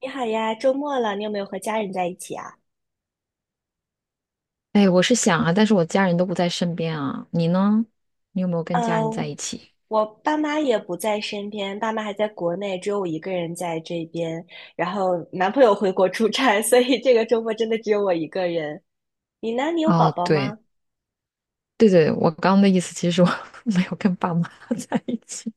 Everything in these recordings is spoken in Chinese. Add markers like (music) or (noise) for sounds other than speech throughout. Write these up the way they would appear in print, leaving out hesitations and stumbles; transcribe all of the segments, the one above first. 你好呀，周末了，你有没有和家人在一起啊？哎，我是想啊，但是我家人都不在身边啊。你呢？你有没有跟家呃，人在一起？我爸妈也不在身边，爸妈还在国内，只有我一个人在这边。然后男朋友回国出差，所以这个周末真的只有我一个人。你呢？你有宝啊，宝对吗？对对，我刚刚的意思其实我 (laughs) 没有跟爸妈 (laughs) 在一起。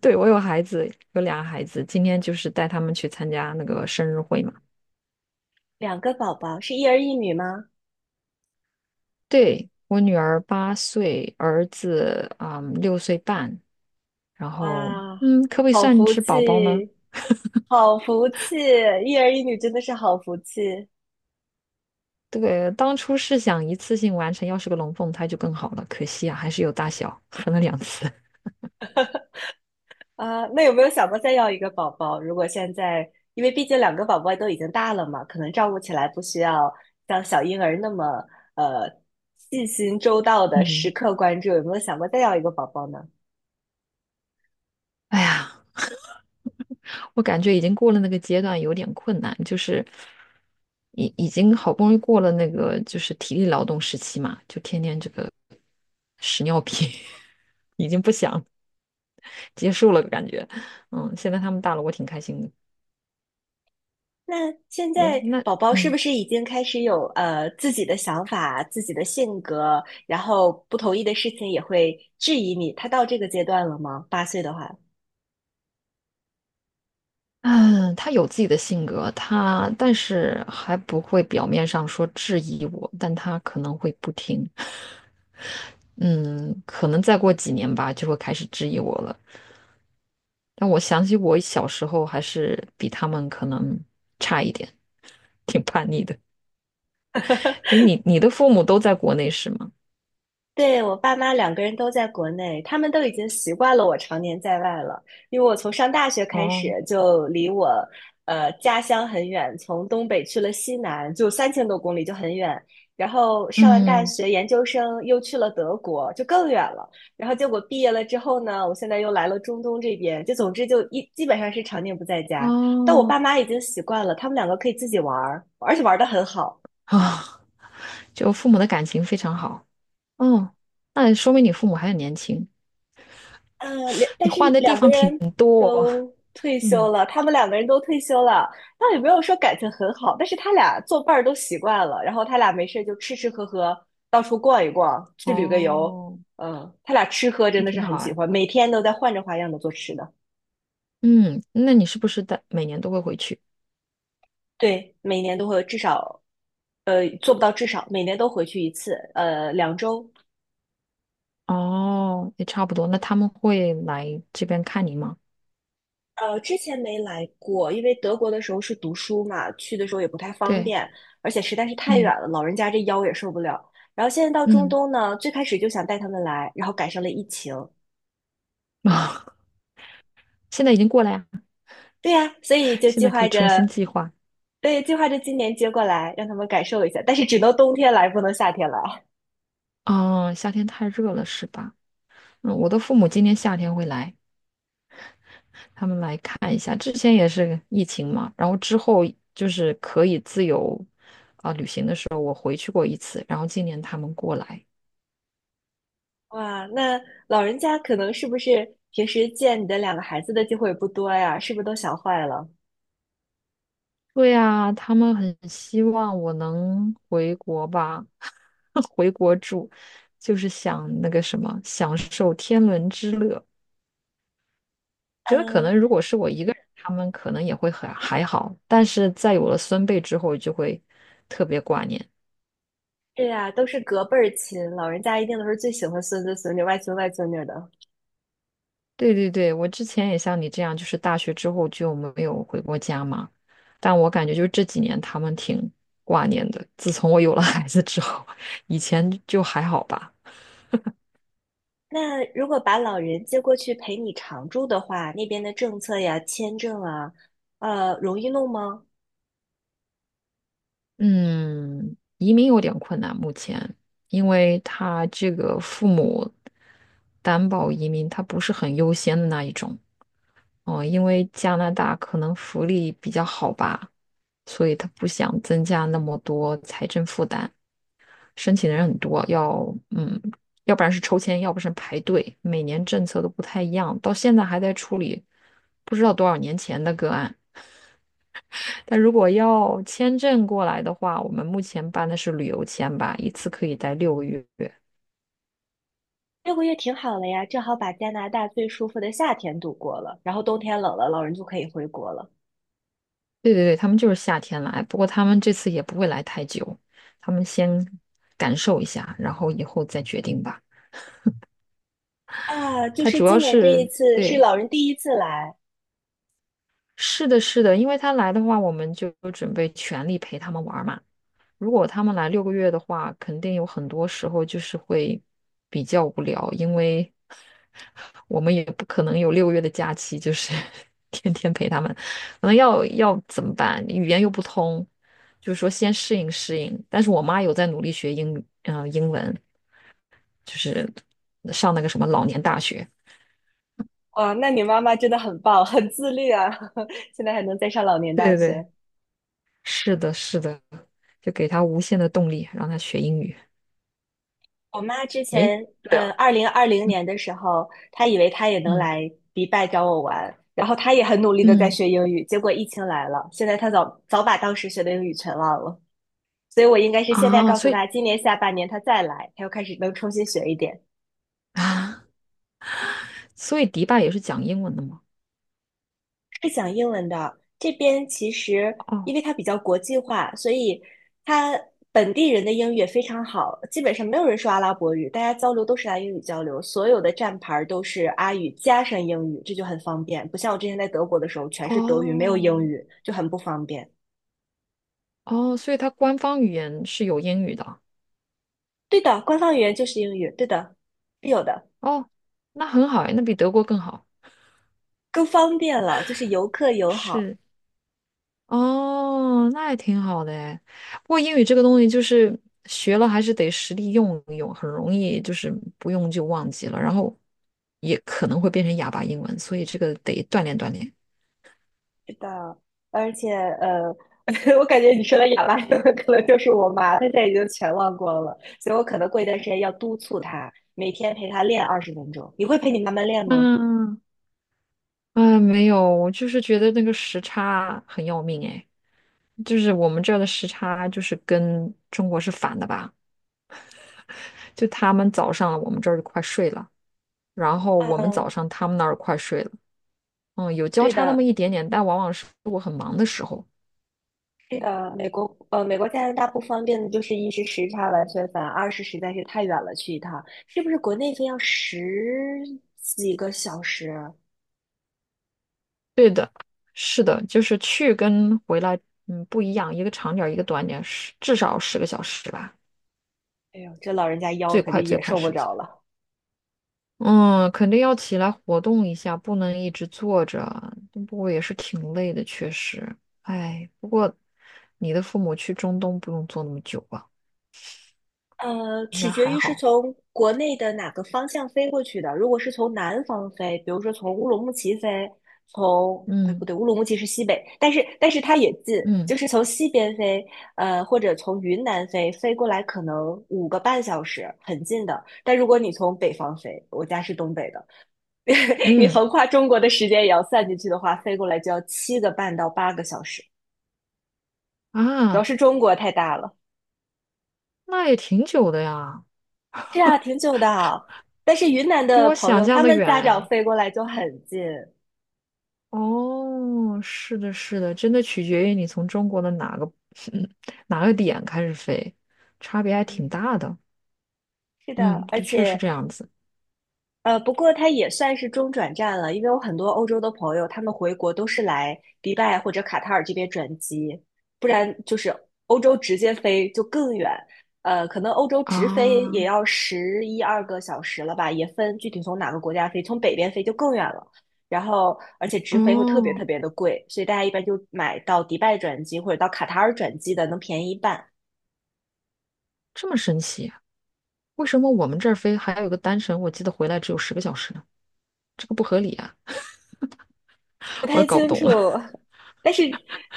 对，我有孩子，有俩孩子，今天就是带他们去参加那个生日会嘛。两个宝宝，是一儿一女吗？对，我女儿8岁，儿子6岁半，然后哇，可不可以好算福是宝宝呢？气，好福气，一儿一女真的是好福气。对，当初是想一次性完成，要是个龙凤胎就更好了，可惜啊，还是有大小，分了2次。啊，那有没有想过再要一个宝宝？如果现在，因为毕竟两个宝宝都已经大了嘛，可能照顾起来不需要像小婴儿那么呃细心周到的时嗯，刻关注，有没有想过再要一个宝宝呢？哎呀。我感觉已经过了那个阶段，有点困难，就是已经好不容易过了那个就是体力劳动时期嘛，就天天这个屎尿屁 (laughs) 已经不想结束了，感觉，现在他们大了，我挺开心的。那现哎，在那宝宝是不嗯是已经开始有自己的想法、自己的性格，然后不同意的事情也会质疑你？他到这个阶段了吗？8岁的话。嗯，他有自己的性格，他但是还不会表面上说质疑我，但他可能会不听，(laughs) 嗯，可能再过几年吧，就会开始质疑我了。但我想起我小时候还是比他们可能差一点，(laughs) 挺叛逆的。哎，你的父母都在国内是吗？对，我爸妈两个人都在国内，他们都已经习惯了我常年在外了。因为我从上大学开始哦，就离我家乡很远，从东北去了西南，就3000多公里，就很远。然后上完大嗯，学，研究生又去了德国，就更远了。然后结果毕业了之后呢，我现在又来了中东这边，就总之基本上是常年不在家。但我哦，爸妈已经习惯了，他们两个可以自己玩儿，而且玩的很好。啊，就父母的感情非常好。哦，那说明你父母还很年轻，但你是换的地两个方挺人多哦都退嗯，休了，他们两个人都退休了，倒也没有说感情很好，但是他俩做伴儿都习惯了，然后他俩没事就吃吃喝喝，到处逛一逛，去旅个游，哦，他俩吃喝真也的是挺很好喜哎。欢，每天都在换着花样的做吃的。嗯，那你是不是在每年都会回去？对，每年都会有至少，做不到至少每年都回去一次，2周哦，也差不多。那他们会来这边看你吗？之前没来过，因为德国的时候是读书嘛，去的时候也不太方对，便，而且实在是太嗯远了，老人家这腰也受不了。然后现在到中嗯。东呢，最开始就想带他们来，然后赶上了疫情。(laughs) 现在已经过来呀，对呀，所以就现计在可划以重新着，计划。对，计划着今年接过来，让他们感受一下，但是只能冬天来，不能夏天来。啊。夏天太热了是吧？我的父母今年夏天会来，他们来看一下。之前也是疫情嘛，然后之后就是可以自由啊、旅行的时候回去过一次，然后今年他们过来。哇，那老人家可能是不是平时见你的两个孩子的机会不多呀？是不是都想坏了？对呀，他们很希望我能回国吧，(laughs) 回国住，就是想那个什么，享受天伦之乐。觉得可能嗯，如果是我一个人，他们可能也会很还好，但是在有了孙辈之后，就会特别挂念。对呀，都是隔辈儿亲，老人家一定都是最喜欢孙子孙女、外孙外孙女的。对对对，我之前也像你这样，就是大学之后就没有回过家嘛，但我感觉就是这几年他们挺挂念的。自从我有了孩子之后，以前就还好吧。那如果把老人接过去陪你常住的话，那边的政策呀、签证啊，容易弄吗？嗯，移民有点困难，目前，因为他这个父母担保移民，他不是很优先的那一种。哦，因为加拿大可能福利比较好吧，所以他不想增加那么多财政负担。申请的人很多，嗯，要不然是抽签，要不是排队，每年政策都不太一样，到现在还在处理不知道多少年前的个案。但如果要签证过来的话，我们目前办的是旅游签吧，一次可以待六个月。对6个月挺好了呀，正好把加拿大最舒服的夏天度过了，然后冬天冷了，老人就可以回国了。对对，他们就是夏天来，不过他们这次也不会来太久，他们先感受一下，然后以后再决定吧。啊，就他是主要今年这一是次是对，老人第一次来。是的，是的，因为他来的话，我们就准备全力陪他们玩儿嘛。如果他们来六个月的话，肯定有很多时候就是会比较无聊，因为 (laughs) 我们也不可能有六个月的假期，就是 (laughs) 天天陪他们，可能要怎么办？语言又不通，就是说先适应适应。但是我妈有在努力学英语，英文，就是上那个什么老年大学。哇，那你妈妈真的很棒，很自律啊，(laughs) 现在还能再上老年对大对对，学。是的，是的。就给他无限的动力，让他学英语。我妈之诶，前，对啊，二零二零嗯年的时候，她以为她也能嗯来迪拜找我玩，然后她也很努力的在嗯学英语，结果疫情来了，现在她早早把当时学的英语全忘了，所以我应该是现在啊，告诉所以她，今年下半年她再来，她又开始能重新学一点。啊，所以迪拜也是讲英文的吗？是讲英文的。这边其实因哦为它比较国际化，所以它本地人的英语也非常好，基本上没有人说阿拉伯语，大家交流都是拿英语交流，所有的站牌儿都是阿语加上英语，这就很方便。不像我之前在德国的时候，全是德语，没有英哦语，就很不方便。哦，所以它官方语言是有英语的。对的，官方语言就是英语，对的，是有的，哦，那很好哎，那比德国更好。更方便了，就是游客友好。是哦，那也挺好的哎。不过英语这个东西就是学了还是得实地用一用，很容易就是不用就忘记了，然后也可能会变成哑巴英文，所以这个得锻炼锻炼。是的，而且呃，(laughs) 我感觉你说的亚麻的可能就是我妈，她现在已经全忘光了，所以我可能过一段时间要督促她，每天陪她练20分钟。你会陪你妈妈练吗？嗯嗯，没有，我就是觉得那个时差很要命哎，就是我们这儿的时差就是跟中国是反的吧？就他们早上我们这儿就快睡了，然后我们早嗯，上他们那儿快睡了，有交对叉那么的，一点点，但往往是我很忙的时候。是的，美国加拿大不方便的就是一是时差完全烦，二是实在是太远了，去一趟是不是国内飞要十几个小时？对的，是的，就是去跟回来，不一样，一个长点儿，一个短点儿，至少十个小时吧，哎呦，这老人家腰最肯快定最也快受不十个小着时。了。嗯，肯定要起来活动一下，不能一直坐着啊。不过也是挺累的，确实。哎，不过你的父母去中东不用坐那么久吧？应取该决还于是好。从国内的哪个方向飞过去的。如果是从南方飞，比如说从乌鲁木齐飞，哎，嗯不对，乌鲁木齐是西北，但是它也近，嗯就是从西边飞，或者从云南飞，飞过来可能5个半小时，很近的。但如果你从北方飞，我家是东北的，(laughs) 你嗯横跨中国的时间也要算进去的话，飞过来就要7个半到8个小时。主要啊，是中国太大了。那也挺久的呀，是啊，挺久的。但是云南比的我朋想友，象他的们远家长哎。飞过来就很近。哦，是的，是的，真的取决于你从中国的哪个 (laughs) 哪个点开始飞，差别还挺嗯，大的。是嗯，的，而的确是且这样子不过它也算是中转站了，因为我很多欧洲的朋友，他们回国都是来迪拜或者卡塔尔这边转机，不然就是欧洲直接飞就更远。可能欧洲直飞也啊。要十一二个小时了吧，也分具体从哪个国家飞，从北边飞就更远了。然后，而且直飞会特别特哦，别的贵，所以大家一般就买到迪拜转机或者到卡塔尔转机的，能便宜一半。这么神奇。为什么我们这儿飞还有一个单程，我记得回来只有十个小时呢？这个不合理啊，不我也太搞不清懂楚，了。(laughs) 但是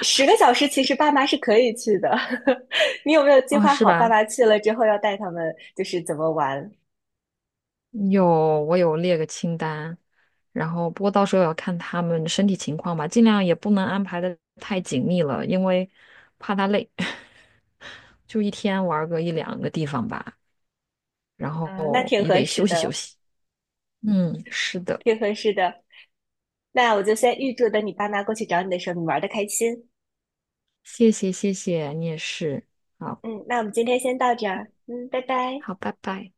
10个小时其实爸妈是可以去的。(laughs) 你有没有计哦，划是好爸吧？妈去了之后要带他们就是怎么玩？有，我有列个清单，然后不过到时候也要看他们身体情况吧，尽量也不能安排的太紧密了，因为怕他累，(laughs) 就一天玩个一两个地方吧，然嗯，那后挺也合得适休息休的，息。嗯，是的，挺合适的。那我就先预祝等你爸妈过去找你的时候，你玩的开心。谢谢谢谢，你也是。好，嗯，那我们今天先到这儿。嗯，拜拜。好，拜拜。